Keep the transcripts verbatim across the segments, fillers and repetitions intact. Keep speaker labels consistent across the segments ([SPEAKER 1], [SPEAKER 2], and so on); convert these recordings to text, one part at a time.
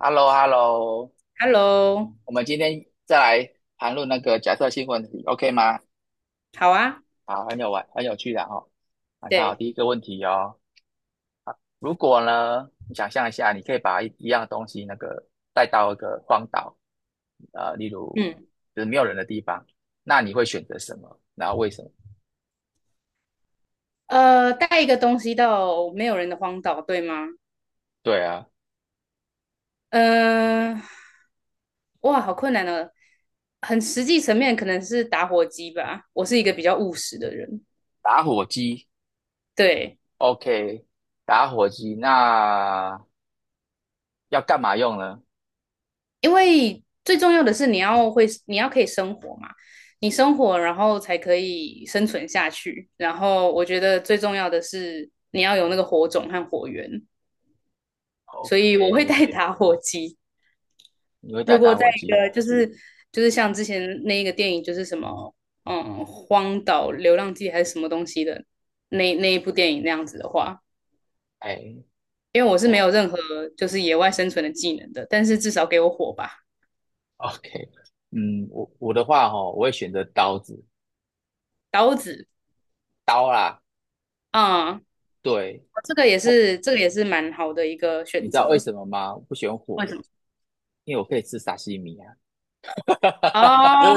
[SPEAKER 1] h e l l o h e l l o
[SPEAKER 2] Hello。
[SPEAKER 1] 我们今天再来谈论那个假设性问题，OK 吗？
[SPEAKER 2] 好啊。
[SPEAKER 1] 好，很有玩，很有趣的哈、哦来看好
[SPEAKER 2] 对。
[SPEAKER 1] 第一个问题哦，如果呢，你想象一下，你可以把一一样东西那个带到一个荒岛，呃，例如
[SPEAKER 2] 嗯，
[SPEAKER 1] 就是没有人的地方，那你会选择什么？然后为什么？
[SPEAKER 2] 呃，带一个东西到没有人的荒岛，对吗？
[SPEAKER 1] 对啊，
[SPEAKER 2] 嗯、呃哇，好困难哦。很实际层面可能是打火机吧，我是一个比较务实的人。
[SPEAKER 1] 打火机
[SPEAKER 2] 对，
[SPEAKER 1] ，OK，打火机，那要干嘛用呢
[SPEAKER 2] 因为最重要的是你要会，你要可以生活嘛，你生活然后才可以生存下去，然后我觉得最重要的是你要有那个火种和火源，所以我会
[SPEAKER 1] ？OK，
[SPEAKER 2] 带打火机。
[SPEAKER 1] 你会带
[SPEAKER 2] 如果
[SPEAKER 1] 打
[SPEAKER 2] 在
[SPEAKER 1] 火
[SPEAKER 2] 一
[SPEAKER 1] 机哦？
[SPEAKER 2] 个就是就是像之前那一个电影，就是什么嗯荒岛流浪记还是什么东西的，那那一部电影那样子的话，
[SPEAKER 1] 哎。
[SPEAKER 2] 因为我是没有任何就是野外生存的技能的，但是至少给我火吧。
[SPEAKER 1] OK，嗯，我我的话哈、我会选择刀子，
[SPEAKER 2] 刀子
[SPEAKER 1] 刀啦，
[SPEAKER 2] 啊、嗯哦，
[SPEAKER 1] 对，
[SPEAKER 2] 这个也
[SPEAKER 1] 不，
[SPEAKER 2] 是这个也是蛮好的一个
[SPEAKER 1] 你
[SPEAKER 2] 选
[SPEAKER 1] 知道为
[SPEAKER 2] 择。
[SPEAKER 1] 什么吗？我不喜欢火，
[SPEAKER 2] 为什么？
[SPEAKER 1] 因为我可以吃沙西米啊。
[SPEAKER 2] 啊？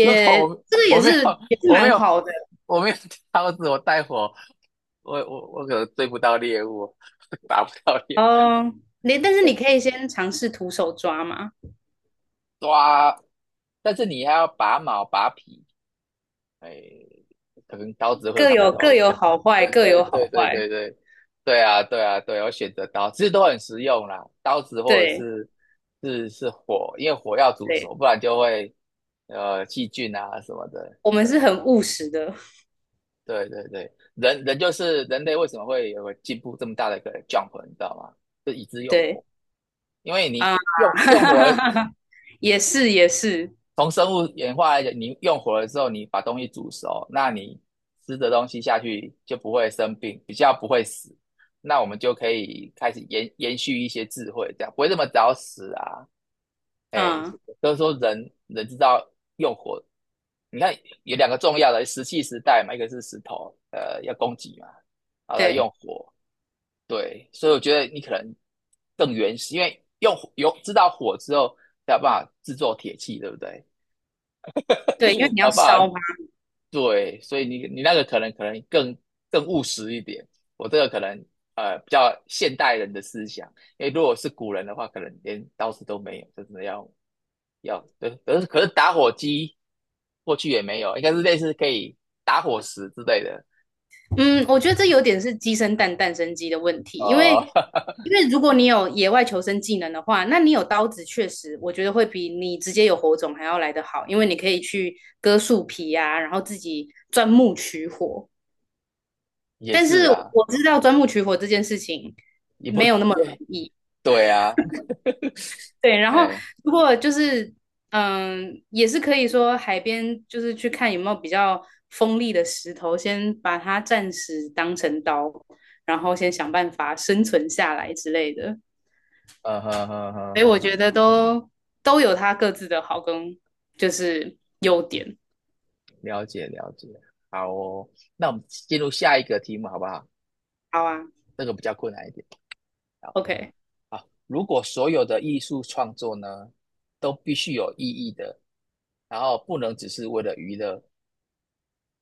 [SPEAKER 1] 如果我
[SPEAKER 2] 这个
[SPEAKER 1] 我
[SPEAKER 2] 也
[SPEAKER 1] 没有
[SPEAKER 2] 是也是
[SPEAKER 1] 我没
[SPEAKER 2] 蛮
[SPEAKER 1] 有
[SPEAKER 2] 好的
[SPEAKER 1] 我没有刀子，我带火，我我我可能追不到猎物，打不到猎物，
[SPEAKER 2] 哦。你但是你可以先尝试徒手抓嘛。
[SPEAKER 1] 抓。但是你还要拔毛拔皮，哎，可能刀子会
[SPEAKER 2] 各
[SPEAKER 1] 比较
[SPEAKER 2] 有
[SPEAKER 1] 方
[SPEAKER 2] 各
[SPEAKER 1] 便。
[SPEAKER 2] 有好坏，
[SPEAKER 1] 对
[SPEAKER 2] 各
[SPEAKER 1] 对
[SPEAKER 2] 有
[SPEAKER 1] 对
[SPEAKER 2] 好
[SPEAKER 1] 对
[SPEAKER 2] 坏。
[SPEAKER 1] 对对，对啊对啊对，我选择刀，其实都很实用啦，刀子或者
[SPEAKER 2] 对
[SPEAKER 1] 是是是火，因为火要煮
[SPEAKER 2] 对，
[SPEAKER 1] 熟，不然就会呃细菌啊什么的。
[SPEAKER 2] 我们是很务实的。
[SPEAKER 1] 对对对，人人就是人类为什么会有个进步这么大的一个 jump，你知道吗？就以致用
[SPEAKER 2] 对
[SPEAKER 1] 火，因为
[SPEAKER 2] 啊，
[SPEAKER 1] 你用用火
[SPEAKER 2] 也是也是。
[SPEAKER 1] 从生物演化来讲，你用火了之后，你把东西煮熟，那你吃的东西下去就不会生病，比较不会死。那我们就可以开始延延续一些智慧，这样不会这么早死啊。哎，
[SPEAKER 2] 嗯，
[SPEAKER 1] 都是说人人知道用火，你看有两个重要的石器时代嘛，一个是石头，呃，要供给嘛，然后再用
[SPEAKER 2] 对
[SPEAKER 1] 火。对，所以我觉得你可能更原始，因为用火有知道火之后，才有办法制作铁器，对不对？
[SPEAKER 2] 对，因为你要
[SPEAKER 1] 好不好？
[SPEAKER 2] 烧嘛。
[SPEAKER 1] 对，所以你你那个可能可能更更务实一点，我这个可能呃比较现代人的思想，因为如果是古人的话，可能连刀子都没有，真的要要，对，可是可是打火机过去也没有，应该是类似可以打火石之类的，
[SPEAKER 2] 嗯，我觉得这有点是鸡生蛋，蛋生鸡的问题，因为
[SPEAKER 1] 呃，
[SPEAKER 2] 因为如果你有野外求生技能的话，那你有刀子，确实我觉得会比你直接有火种还要来得好，因为你可以去割树皮啊，然后自己钻木取火。
[SPEAKER 1] 也
[SPEAKER 2] 但
[SPEAKER 1] 是
[SPEAKER 2] 是
[SPEAKER 1] 啊，
[SPEAKER 2] 我知道钻木取火这件事情
[SPEAKER 1] 也不
[SPEAKER 2] 没有那么容
[SPEAKER 1] 对，
[SPEAKER 2] 易。
[SPEAKER 1] 对啊，
[SPEAKER 2] 对，然后
[SPEAKER 1] 哎，
[SPEAKER 2] 如果就是嗯，也是可以说海边就是去看有没有比较锋利的石头，先把它暂时当成刀，然后先想办法生存下来之类的。
[SPEAKER 1] 嗯哼哼哼
[SPEAKER 2] 所以我觉
[SPEAKER 1] 哼，
[SPEAKER 2] 得都都有它各自的好跟就是优点。
[SPEAKER 1] 了解了解，好哦，那我们进入下一个题目好不好？
[SPEAKER 2] 好啊
[SPEAKER 1] 这个比较困难一点。
[SPEAKER 2] ，OK。
[SPEAKER 1] 如果所有的艺术创作呢，都必须有意义的，然后不能只是为了娱乐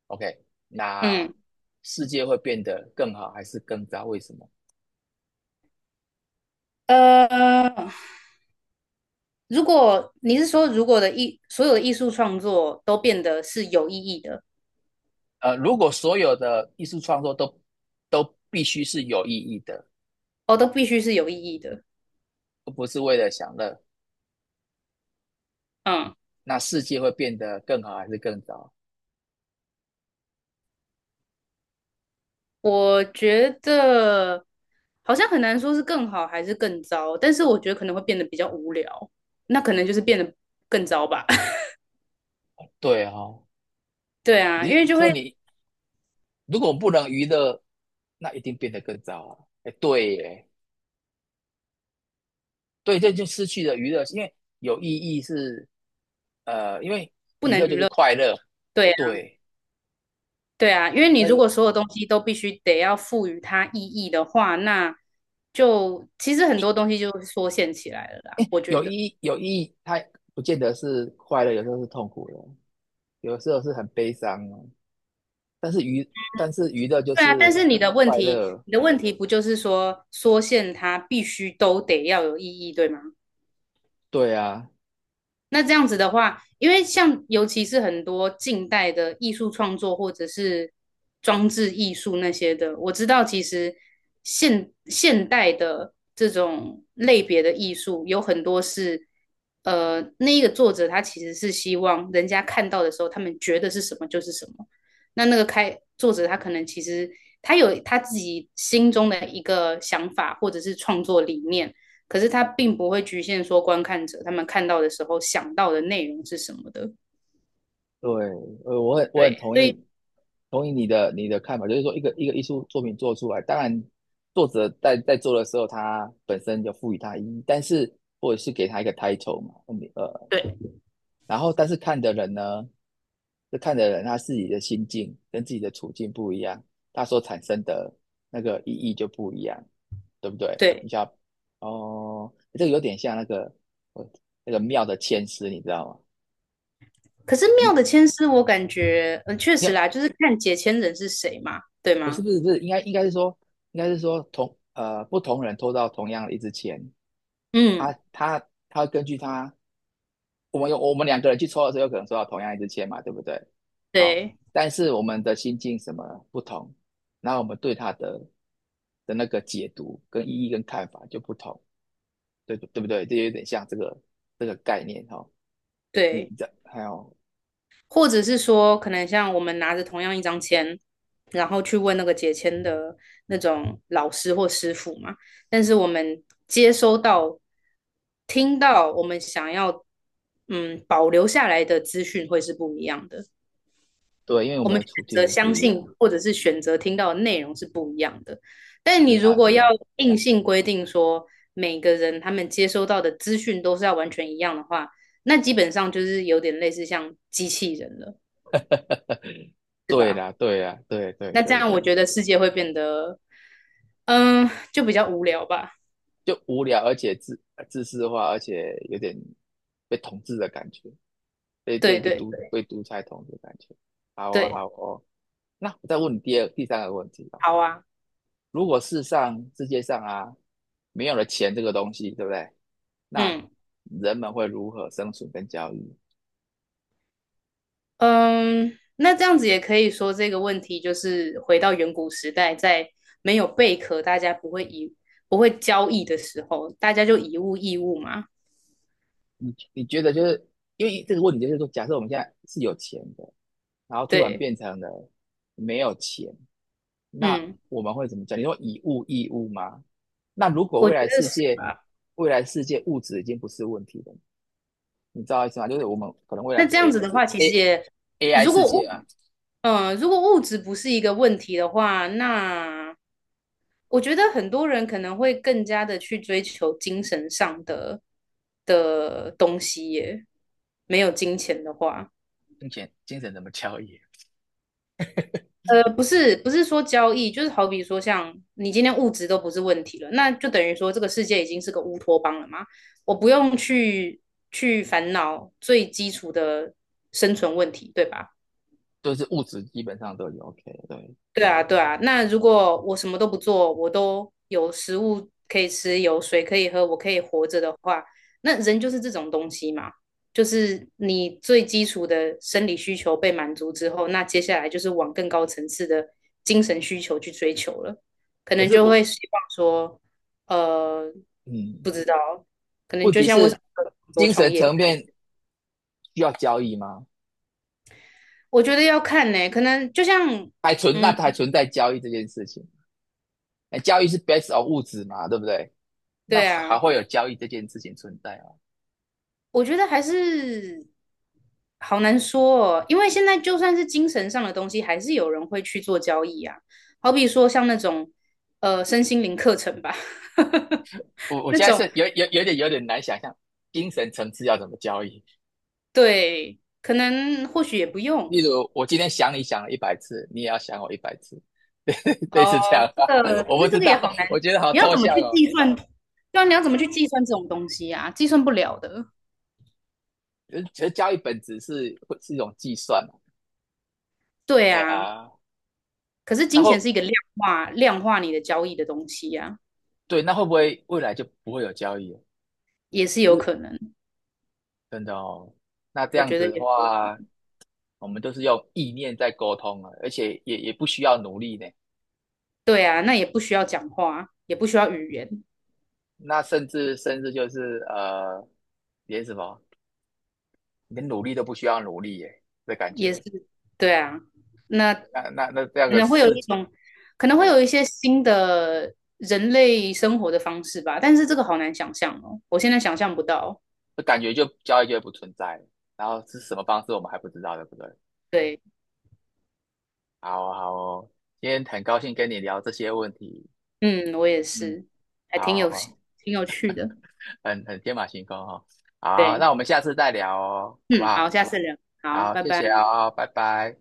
[SPEAKER 1] ，OK，那
[SPEAKER 2] 嗯，
[SPEAKER 1] 世界会变得更好还是更糟？为什么？
[SPEAKER 2] 呃，如果你是说如果的艺所有的艺术创作都变得是有意义的，
[SPEAKER 1] 呃，如果所有的艺术创作都都必须是有意义的，
[SPEAKER 2] 哦，都必须是有意义的。
[SPEAKER 1] 而不是为了享乐，
[SPEAKER 2] 嗯。
[SPEAKER 1] 那世界会变得更好还是更糟？
[SPEAKER 2] 我觉得好像很难说是更好还是更糟，但是我觉得可能会变得比较无聊，那可能就是变得更糟吧。
[SPEAKER 1] 对哦，
[SPEAKER 2] 对啊，因
[SPEAKER 1] 你
[SPEAKER 2] 为就
[SPEAKER 1] 说
[SPEAKER 2] 会，
[SPEAKER 1] 你如果不能娱乐，那一定变得更糟啊！哎，对耶。对，这就失去了娱乐，因为有意义是，呃，因为娱乐就是快乐，
[SPEAKER 2] 对啊，
[SPEAKER 1] 对，
[SPEAKER 2] 对啊，因为你
[SPEAKER 1] 而
[SPEAKER 2] 如果
[SPEAKER 1] 有
[SPEAKER 2] 所有东西都必须得要赋予它意义的话，那就其实很多
[SPEAKER 1] 意
[SPEAKER 2] 东西就缩限起来了啦，我觉
[SPEAKER 1] 有意
[SPEAKER 2] 得。
[SPEAKER 1] 义有意义，它不见得是快乐，有时候是痛苦的，有时候是很悲伤的，但是娱但是娱乐就
[SPEAKER 2] 对啊，但
[SPEAKER 1] 是
[SPEAKER 2] 是你的问
[SPEAKER 1] 快
[SPEAKER 2] 题，
[SPEAKER 1] 乐，
[SPEAKER 2] 你的问题不就是说缩限它必须都得要有意义，对吗？
[SPEAKER 1] 对啊，
[SPEAKER 2] 那这样子的话，因为像尤其是很多近代的艺术创作或者是装置艺术那些的，我知道其实现现代的这种类别的艺术有很多是，呃，那一个作者他其实是希望人家看到的时候，他们觉得是什么就是什么。那那个开作者他可能其实他有他自己心中的一个想法或者是创作理念，可是他并不会局限说观看者他们看到的时候想到的内容是什么的。
[SPEAKER 1] 对，呃，我很我很
[SPEAKER 2] 对，
[SPEAKER 1] 同
[SPEAKER 2] 所以
[SPEAKER 1] 意同意你的你的看法，就是说一个一个艺术作品做出来，当然作者在在做的时候，他本身就赋予它意义，但是或者是给他一个 title 嘛，呃。
[SPEAKER 2] 对
[SPEAKER 1] 然后但是看的人呢，就看的人他自己的心境跟自己的处境不一样，他所产生的那个意义就不一样，对不对？
[SPEAKER 2] 对。
[SPEAKER 1] 你想，哦，这个有点像那个我那个庙的签诗，你知道吗？
[SPEAKER 2] 可是妙
[SPEAKER 1] 你
[SPEAKER 2] 的签诗，我感觉嗯确实啦，
[SPEAKER 1] 你
[SPEAKER 2] 就是看解签人是谁嘛，对
[SPEAKER 1] 不是
[SPEAKER 2] 吗？
[SPEAKER 1] 不是不是，应该应该是说应该是说同呃不同人抽到同样的一支签，
[SPEAKER 2] 嗯，
[SPEAKER 1] 他他他根据他，我们有我们两个人去抽的时候，有可能抽到同样一支签嘛，对不对？好、
[SPEAKER 2] 对
[SPEAKER 1] 但是我们的心境什么不同，然后我们对他的的那个解读跟意义跟看法就不同，对对不对？这有点像这个这个概念哦。你
[SPEAKER 2] 对。
[SPEAKER 1] 这还有
[SPEAKER 2] 或者是说可能像我们拿着同样一张签，然后去问那个解签的那种老师或师傅嘛，但是我们接收到、听到我们想要嗯保留下来的资讯会是不一样的。
[SPEAKER 1] 对，因为我
[SPEAKER 2] 我
[SPEAKER 1] 们
[SPEAKER 2] 们
[SPEAKER 1] 的
[SPEAKER 2] 选
[SPEAKER 1] 处
[SPEAKER 2] 择
[SPEAKER 1] 境不
[SPEAKER 2] 相
[SPEAKER 1] 一
[SPEAKER 2] 信
[SPEAKER 1] 样，
[SPEAKER 2] 或者是选择听到的内容是不一样的。但
[SPEAKER 1] 是
[SPEAKER 2] 你如
[SPEAKER 1] 啊是
[SPEAKER 2] 果要
[SPEAKER 1] 啊，
[SPEAKER 2] 硬性规定说每个人他们接收到的资讯都是要完全一样的话，那基本上就是有点类似像机器人了。
[SPEAKER 1] 对啦对啦，对对
[SPEAKER 2] 那这
[SPEAKER 1] 对
[SPEAKER 2] 样我
[SPEAKER 1] 对，
[SPEAKER 2] 觉得世界会变得，嗯，就比较无聊吧。
[SPEAKER 1] 就无聊而且自自私化，而且有点被统治的感觉。被被
[SPEAKER 2] 对
[SPEAKER 1] 被
[SPEAKER 2] 对
[SPEAKER 1] 独被独裁统治的感觉。好哦，
[SPEAKER 2] 对。
[SPEAKER 1] 好哦。那我再问你第二、第三个问题哦。
[SPEAKER 2] 好啊。
[SPEAKER 1] 如果世上、世界上啊，没有了钱这个东西，对不对？那
[SPEAKER 2] 嗯。
[SPEAKER 1] 人们会如何生存跟交易？
[SPEAKER 2] 嗯，那这样子也可以说这个问题就是回到远古时代，在没有贝壳，大家不会以不会交易的时候，大家就以物易物嘛。
[SPEAKER 1] 你你觉得就是因为这个问题，就是说，假设我们现在是有钱的，然后突然
[SPEAKER 2] 对。
[SPEAKER 1] 变成了没有钱，那
[SPEAKER 2] 嗯，
[SPEAKER 1] 我们会怎么讲？你说以物易物吗？那如果
[SPEAKER 2] 我
[SPEAKER 1] 未
[SPEAKER 2] 觉
[SPEAKER 1] 来
[SPEAKER 2] 得
[SPEAKER 1] 世
[SPEAKER 2] 是
[SPEAKER 1] 界，
[SPEAKER 2] 吧？
[SPEAKER 1] 未来世界物质已经不是问题了。你知道意思吗？就是我们可能未来
[SPEAKER 2] 那这
[SPEAKER 1] 是
[SPEAKER 2] 样子
[SPEAKER 1] AI
[SPEAKER 2] 的
[SPEAKER 1] 是
[SPEAKER 2] 话，其实
[SPEAKER 1] A
[SPEAKER 2] 也
[SPEAKER 1] AI
[SPEAKER 2] 如
[SPEAKER 1] 世
[SPEAKER 2] 果
[SPEAKER 1] 界
[SPEAKER 2] 物，
[SPEAKER 1] 啊，
[SPEAKER 2] 嗯，如果物质不是一个问题的话，那我觉得很多人可能会更加的去追求精神上的的东西耶，没有金钱的话。
[SPEAKER 1] 金钱精神怎么交易，
[SPEAKER 2] 呃，不是，不是说交易，就是好比说，像你今天物质都不是问题了，那就等于说这个世界已经是个乌托邦了嘛。我不用去去烦恼最基础的生存问题，对吧？
[SPEAKER 1] 都是物质基本上都有 OK 对。
[SPEAKER 2] 对啊，对啊。那如果我什么都不做，我都有食物可以吃，有水可以喝，我可以活着的话，那人就是这种东西嘛，就是你最基础的生理需求被满足之后，那接下来就是往更高层次的精神需求去追求了，可
[SPEAKER 1] 可
[SPEAKER 2] 能
[SPEAKER 1] 是
[SPEAKER 2] 就
[SPEAKER 1] 我
[SPEAKER 2] 会希望说，呃，
[SPEAKER 1] 嗯，
[SPEAKER 2] 不知道，可能
[SPEAKER 1] 问
[SPEAKER 2] 就
[SPEAKER 1] 题
[SPEAKER 2] 像为什
[SPEAKER 1] 是
[SPEAKER 2] 么很多
[SPEAKER 1] 精
[SPEAKER 2] 创
[SPEAKER 1] 神
[SPEAKER 2] 业家
[SPEAKER 1] 层面需要交易吗？
[SPEAKER 2] 我觉得要看呢、可能就像。
[SPEAKER 1] 还存那
[SPEAKER 2] 嗯，
[SPEAKER 1] 还存在交易这件事情？哎，交易是 based on 物质嘛，对不对？那
[SPEAKER 2] 对
[SPEAKER 1] 还
[SPEAKER 2] 啊，
[SPEAKER 1] 会有交易这件事情存在啊？
[SPEAKER 2] 我觉得还是。好难说哦，因为现在就算是精神上的东西，还是有人会去做交易啊。好比说像那种呃身心灵课程吧，
[SPEAKER 1] 我 我
[SPEAKER 2] 那
[SPEAKER 1] 现在
[SPEAKER 2] 种
[SPEAKER 1] 是有有有点有点难想象精神层次要怎么交易。
[SPEAKER 2] 对，可能或许也不用
[SPEAKER 1] 例如我今天想你想了一百次，你也要想我一百次，类似这样
[SPEAKER 2] 哦。这
[SPEAKER 1] 吧？
[SPEAKER 2] 个 可
[SPEAKER 1] 我不
[SPEAKER 2] 是这
[SPEAKER 1] 知
[SPEAKER 2] 个也
[SPEAKER 1] 道，
[SPEAKER 2] 好
[SPEAKER 1] 我
[SPEAKER 2] 难，
[SPEAKER 1] 觉得好
[SPEAKER 2] 你要
[SPEAKER 1] 抽
[SPEAKER 2] 怎么
[SPEAKER 1] 象
[SPEAKER 2] 去
[SPEAKER 1] 哦。
[SPEAKER 2] 计算？对啊，你要怎么去计算这种东西啊？计算不了的。
[SPEAKER 1] 其实觉得交易本质是是一种计算嘛？
[SPEAKER 2] 对
[SPEAKER 1] 哎
[SPEAKER 2] 啊，
[SPEAKER 1] 呀，
[SPEAKER 2] 可是
[SPEAKER 1] 那
[SPEAKER 2] 金
[SPEAKER 1] 会
[SPEAKER 2] 钱是一个量化量化你的交易的东西呀、
[SPEAKER 1] 对，那会不会未来就不会有交易了？
[SPEAKER 2] 也是
[SPEAKER 1] 就
[SPEAKER 2] 有
[SPEAKER 1] 是
[SPEAKER 2] 可能。
[SPEAKER 1] 真的哦。那这
[SPEAKER 2] 我
[SPEAKER 1] 样
[SPEAKER 2] 觉得
[SPEAKER 1] 子的
[SPEAKER 2] 也是有可
[SPEAKER 1] 话，
[SPEAKER 2] 能。
[SPEAKER 1] 我们都是用意念在沟通了，而且也也不需要努力呢。
[SPEAKER 2] 对啊，那也不需要讲话，也不需要语言。
[SPEAKER 1] 那甚至甚至就是呃，连什么连努力都不需要努力耶，这感
[SPEAKER 2] 也是，
[SPEAKER 1] 觉。
[SPEAKER 2] 对啊，那可
[SPEAKER 1] 那那那这样的
[SPEAKER 2] 能会有
[SPEAKER 1] 事
[SPEAKER 2] 一
[SPEAKER 1] 情，
[SPEAKER 2] 种，可能会
[SPEAKER 1] 哎、
[SPEAKER 2] 有一些新的人类生活的方式吧，但是这个好难想象哦，我现在想象不到。
[SPEAKER 1] 就感觉就交易就会不存在了然后是什么方式我们还不知道，对不对？
[SPEAKER 2] 对，
[SPEAKER 1] 好哦好哦，今天很高兴跟你聊这些问题，
[SPEAKER 2] 嗯，我也
[SPEAKER 1] 嗯，
[SPEAKER 2] 是，还
[SPEAKER 1] 好
[SPEAKER 2] 挺有
[SPEAKER 1] 哦，
[SPEAKER 2] 挺有趣的。
[SPEAKER 1] 很很天马行空哦。好，
[SPEAKER 2] 对，
[SPEAKER 1] 那我们下次再聊哦，好不
[SPEAKER 2] 嗯，
[SPEAKER 1] 好？
[SPEAKER 2] 好，下次聊，好，
[SPEAKER 1] 好，
[SPEAKER 2] 拜
[SPEAKER 1] 谢
[SPEAKER 2] 拜。
[SPEAKER 1] 谢哦，拜拜。